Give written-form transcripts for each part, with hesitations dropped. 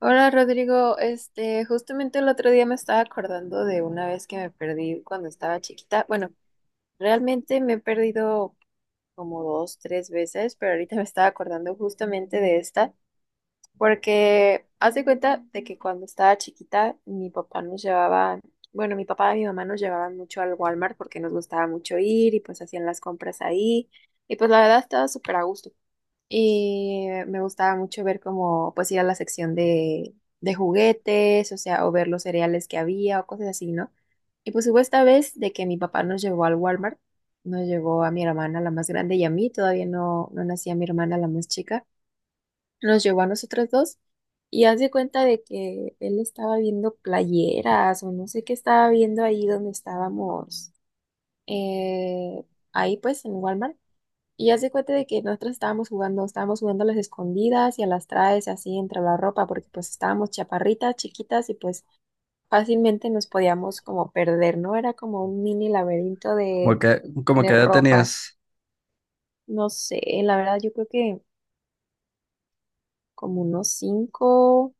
Hola Rodrigo, justamente el otro día me estaba acordando de una vez que me perdí cuando estaba chiquita. Bueno, realmente me he perdido como dos, tres veces, pero ahorita me estaba acordando justamente de esta, porque haz de cuenta de que cuando estaba chiquita mi papá nos llevaba, bueno, mi papá y mi mamá nos llevaban mucho al Walmart porque nos gustaba mucho ir y pues hacían las compras ahí y pues la verdad estaba súper a gusto. Y me gustaba mucho ver cómo pues ir a la sección de juguetes, o sea, o ver los cereales que había o cosas así, ¿no? Y pues hubo esta vez de que mi papá nos llevó al Walmart, nos llevó a mi hermana, la más grande, y a mí, todavía no, no nacía mi hermana, la más chica, nos llevó a nosotras dos. Y haz de cuenta de que él estaba viendo playeras o no sé qué estaba viendo ahí donde estábamos, eh, ahí pues en Walmart. Y hace cuenta de que nosotros estábamos jugando a las escondidas y a las traes así entre la ropa, porque pues estábamos chaparritas, chiquitas y pues fácilmente nos podíamos como perder, ¿no? Era como un mini laberinto ¿Como de, que, como que de edad ropa. tenías? No sé, la verdad yo creo que como unos cinco,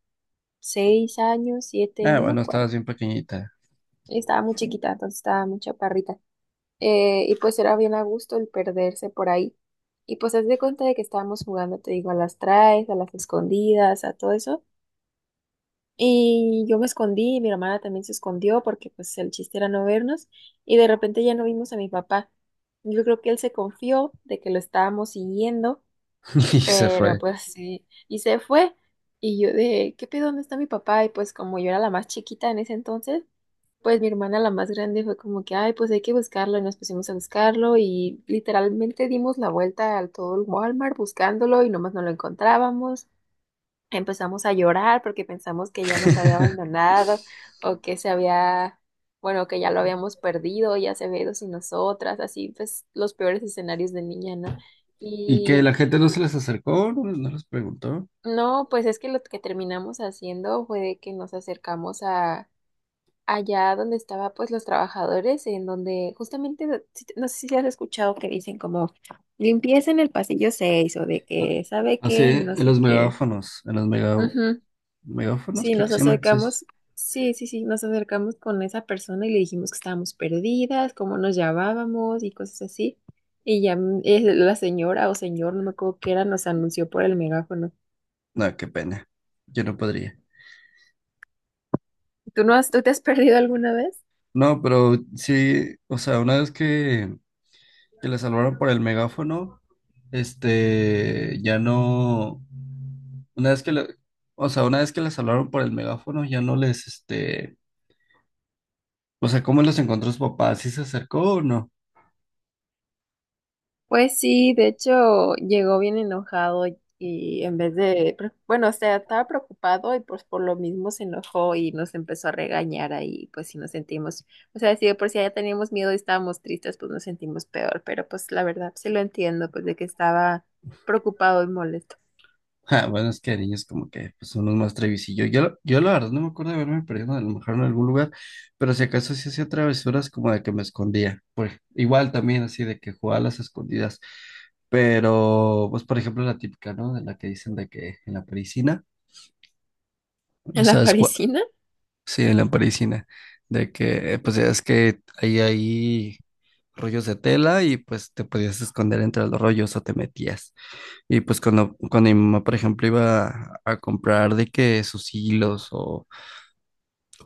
6 años, siete, Ah, no me bueno, acuerdo. estabas bien pequeñita. Estaba muy chiquita, entonces estaba muy chaparrita. Y pues era bien a gusto el perderse por ahí. Y pues haz de cuenta de que estábamos jugando, te digo, a las traes, a las escondidas, a todo eso. Y yo me escondí, y mi hermana también se escondió porque pues el chiste era no vernos y de repente ya no vimos a mi papá. Yo creo que él se confió de que lo estábamos siguiendo, Y se pero fue. pues sí, y se fue. Y yo de, ¿qué pedo? ¿Dónde está mi papá? Y pues como yo era la más chiquita en ese entonces, pues mi hermana la más grande fue como que, ay, pues hay que buscarlo y nos pusimos a buscarlo y literalmente dimos la vuelta a todo el Walmart buscándolo y nomás no lo encontrábamos. Empezamos a llorar porque pensamos que ya nos había abandonado o que se había, bueno, que ya lo habíamos perdido, ya se había ido sin nosotras, así pues los peores escenarios de niña, ¿no? ¿Y que Y la gente no se les acercó? No, no les preguntó. no, pues es que lo que terminamos haciendo fue de que nos acercamos a allá donde estaba pues los trabajadores, en donde justamente, no sé si has escuchado que dicen como limpieza en el pasillo 6 o de Ah. que sabe Así, qué, no en sé los qué. megáfonos, en los megáfonos, Sí, creo que nos se llaman. Sí, sí. acercamos, sí, sí, sí, nos acercamos con esa persona y le dijimos que estábamos perdidas, cómo nos llamábamos y cosas así. Y ya la señora o señor, no me acuerdo qué era, nos anunció por el megáfono. No, qué pena. Yo no podría. ¿Tú no has, tú te has perdido alguna vez? No, pero sí, o sea, que le salvaron por el megáfono, este, ya no. Una vez que le, o sea, una vez que les hablaron por el megáfono, ya no les, este, o sea, ¿cómo los encontró su papá? ¿Sí se acercó o no? Pues sí, de hecho llegó bien enojado y en vez de, bueno, o sea, estaba preocupado y pues por lo mismo se enojó y nos empezó a regañar ahí, pues sí nos sentimos, o sea, si de por si ya teníamos miedo y estábamos tristes, pues nos sentimos peor, pero pues la verdad sí lo entiendo, pues de que estaba preocupado y molesto. Ja, bueno, es que de niños como que pues, son unos más trevisillos. Yo la verdad no me acuerdo de haberme perdido a lo mejor en algún lugar, pero si acaso sí hacía travesuras como de que me escondía. Pues igual también así de que jugaba a las escondidas. Pero, pues por ejemplo la típica, ¿no? De la que dicen de que en la parisina. Ya ¿En la sabes cuál. parisina? Sí, en la parisina. De que pues ya es que ahí hay rollos de tela y pues te podías esconder entre los rollos o te metías. Y pues cuando mi mamá, por ejemplo, a comprar de que sus hilos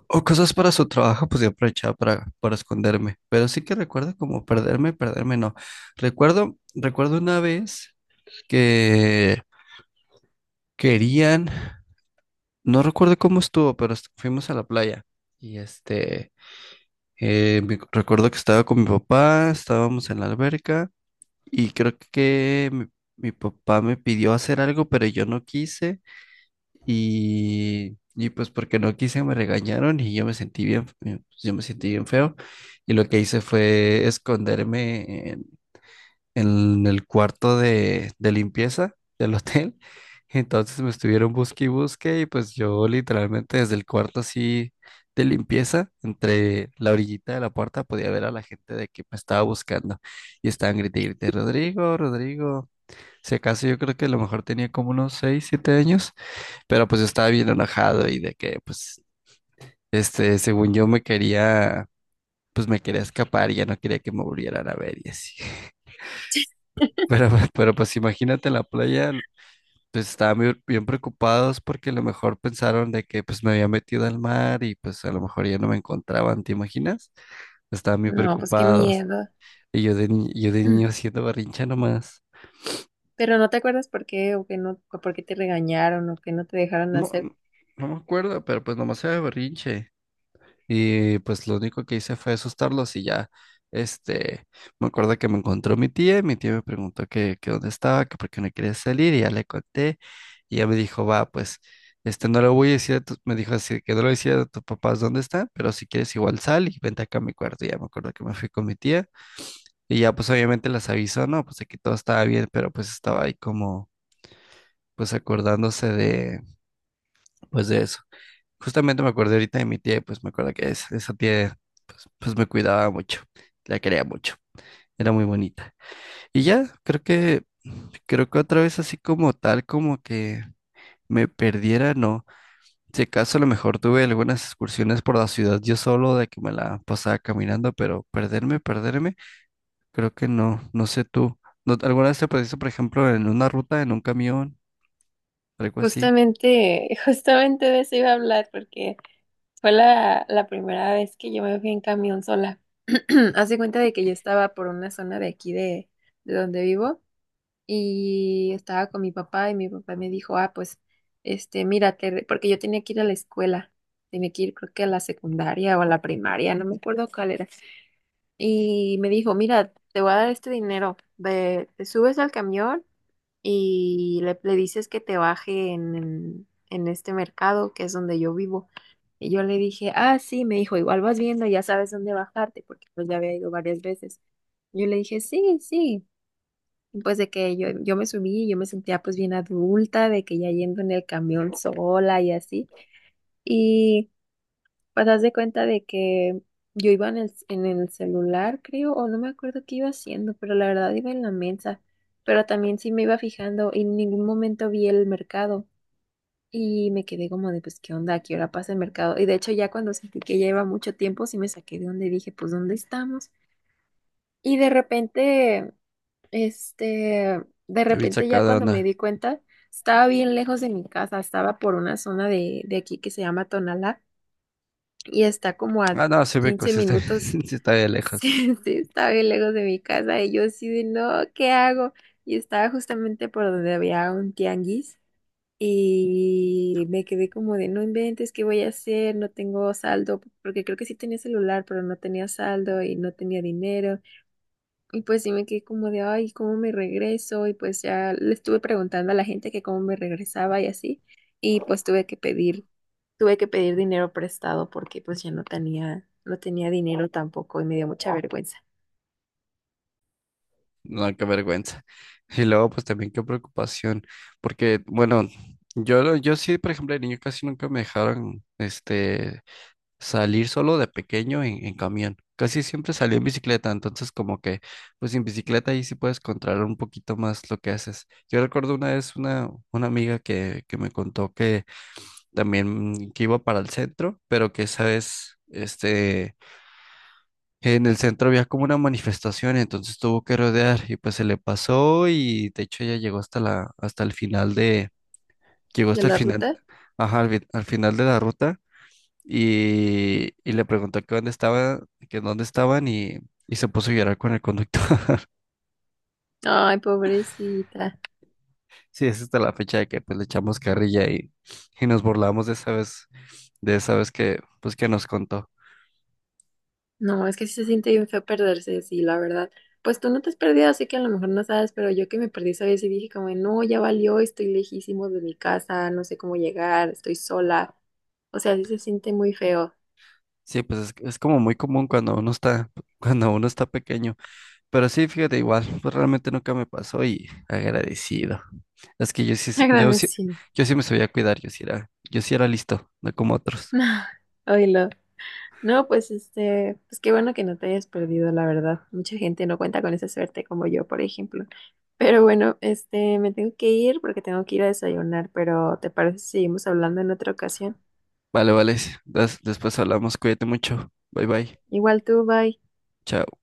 o cosas para su trabajo, pues yo aprovechaba para esconderme. Pero sí que recuerdo como perderme, perderme no. Recuerdo una vez que querían, no recuerdo cómo estuvo, pero fuimos a la playa. Y este, recuerdo que estaba con mi papá, estábamos en la alberca y creo que mi papá me pidió hacer algo, pero yo no quise. Y pues porque no quise me regañaron y yo me sentí bien, yo me sentí bien feo. Y lo que hice fue en el cuarto de limpieza del hotel. Entonces me estuvieron busque y busque y pues yo literalmente desde el cuarto así de limpieza, entre la orillita de la puerta podía ver a la gente de que me estaba buscando. Y estaban grite y grite, Rodrigo, Rodrigo. Si acaso yo creo que a lo mejor tenía como unos 6 7 años. Pero pues yo estaba bien enojado y de que, pues, este, según yo me quería, pues me quería escapar y ya no quería que me volvieran a ver y así. Pero pues imagínate en la playa, pues estaban bien, bien preocupados porque a lo mejor pensaron de que pues me había metido al mar y pues a lo mejor ya no me encontraban, ¿te imaginas? Estaban bien No, pues qué preocupados. miedo. Y yo de, yo de niño haciendo berrinche nomás. Pero no te acuerdas por qué o que no, o por qué te regañaron o que no te dejaron No, hacer. no me acuerdo, pero pues nomás era berrinche. Y pues lo único que hice fue asustarlos y ya, este, me acuerdo que me encontró mi tía y mi tía me preguntó que dónde estaba, que por qué no quería salir y ya le conté y ella me dijo, va, pues, este, no lo voy a decir a tus, me dijo así, que no lo decía a tus papás dónde están, pero si quieres igual sal y vente acá a mi cuarto. Y ya me acuerdo que me fui con mi tía y ya pues obviamente las avisó, no, pues aquí todo estaba bien, pero pues estaba ahí como, pues acordándose de, pues de eso. Justamente me acuerdo ahorita de mi tía, y pues me acuerdo que esa tía, pues me cuidaba mucho, la quería mucho, era muy bonita. Y ya, creo que otra vez así como tal, como que me perdiera, no. Si acaso a lo mejor tuve algunas excursiones por la ciudad yo solo, de que me la pasaba caminando, pero perderme, perderme, creo que no, no sé tú. Alguna vez te perdiste, por ejemplo, en una ruta, en un camión, algo así? Justamente, justamente de eso iba a hablar porque... Fue la primera vez que yo me fui en camión sola. Hace cuenta de que yo estaba por una zona de aquí de donde vivo y estaba con mi papá y mi papá me dijo, ah, pues, mírate, porque yo tenía que ir a la escuela, tenía que ir creo que a la secundaria o a la primaria, no me acuerdo cuál era. Y me dijo, mira, te voy a dar este dinero, ve, te subes al camión y le dices que te baje en, en este mercado, que es donde yo vivo. Y yo le dije, ah, sí, me dijo, igual vas viendo, ya sabes dónde bajarte, porque pues ya había ido varias veces. Yo le dije, sí, sí. Y, pues de que yo me subí, yo me sentía pues bien adulta, de que ya yendo en el camión sola y así. Pues haz de cuenta de que yo iba en el celular, creo, o no me acuerdo qué iba haciendo, pero la verdad iba en la mesa. Pero también sí me iba fijando y en ningún momento vi el mercado. Y me quedé como de, pues, ¿qué onda? ¿A qué hora pasa el mercado? Y de hecho ya cuando sentí que ya iba mucho tiempo, sí me saqué de donde y dije, pues, ¿dónde estamos? Y de repente, este, de Yo bien repente ya sacada, de cuando me onda. di cuenta, estaba bien lejos de mi casa, estaba por una zona de aquí que se llama Tonalá y está como a Ah, no, 15 sí está, minutos. sí está de lejos. Sí, sí, está bien lejos de mi casa y yo así de no, ¿qué hago? Y estaba justamente por donde había un tianguis y me quedé como de no inventes, ¿qué voy a hacer? No tengo saldo, porque creo que sí tenía celular, pero no tenía saldo y no tenía dinero. Y pues sí me quedé como de, ay, ¿cómo me regreso? Y pues ya le estuve preguntando a la gente que cómo me regresaba y así. Y pues tuve que pedir dinero prestado porque pues ya no tenía, no tenía dinero tampoco y me dio mucha vergüenza No, qué vergüenza. Y luego, pues también qué preocupación, porque, bueno, yo, yo sí, por ejemplo, de niño casi nunca me dejaron, este, salir solo de pequeño en camión. Casi siempre salí en bicicleta, entonces como que, pues en bicicleta ahí sí puedes controlar un poquito más lo que haces. Yo recuerdo una vez una amiga que me contó que también que iba para el centro, pero que esa vez, este... En el centro había como una manifestación, entonces tuvo que rodear y pues se le pasó y de hecho ella llegó hasta el final de, llegó de hasta el la final, ruta. ajá, al final de la ruta y le preguntó que dónde estaba, que dónde estaban y se puso a llorar con el conductor. Ay, pobrecita. Sí, es hasta la fecha de que pues le echamos carrilla y nos burlamos de esa vez que pues que nos contó. No, es que sí se siente bien feo perderse, sí, la verdad. Pues tú no te has perdido, así que a lo mejor no sabes, pero yo que me perdí esa vez y dije como, no, ya valió, estoy lejísimo de mi casa, no sé cómo llegar, estoy sola. O sea, sí se siente muy feo. Sí, pues es como muy común cuando uno está pequeño. Pero sí, fíjate, igual, pues realmente nunca me pasó y agradecido. Es que yo sí, Agradecido. yo sí me sabía cuidar, yo sí era listo, no como otros. Oílo. No, pues pues qué bueno que no te hayas perdido, la verdad. Mucha gente no cuenta con esa suerte como yo, por ejemplo. Pero bueno, me tengo que ir porque tengo que ir a desayunar, pero ¿te parece si seguimos hablando en otra ocasión? Vale, vale, después hablamos, cuídate mucho, bye bye, Igual tú, bye. chao.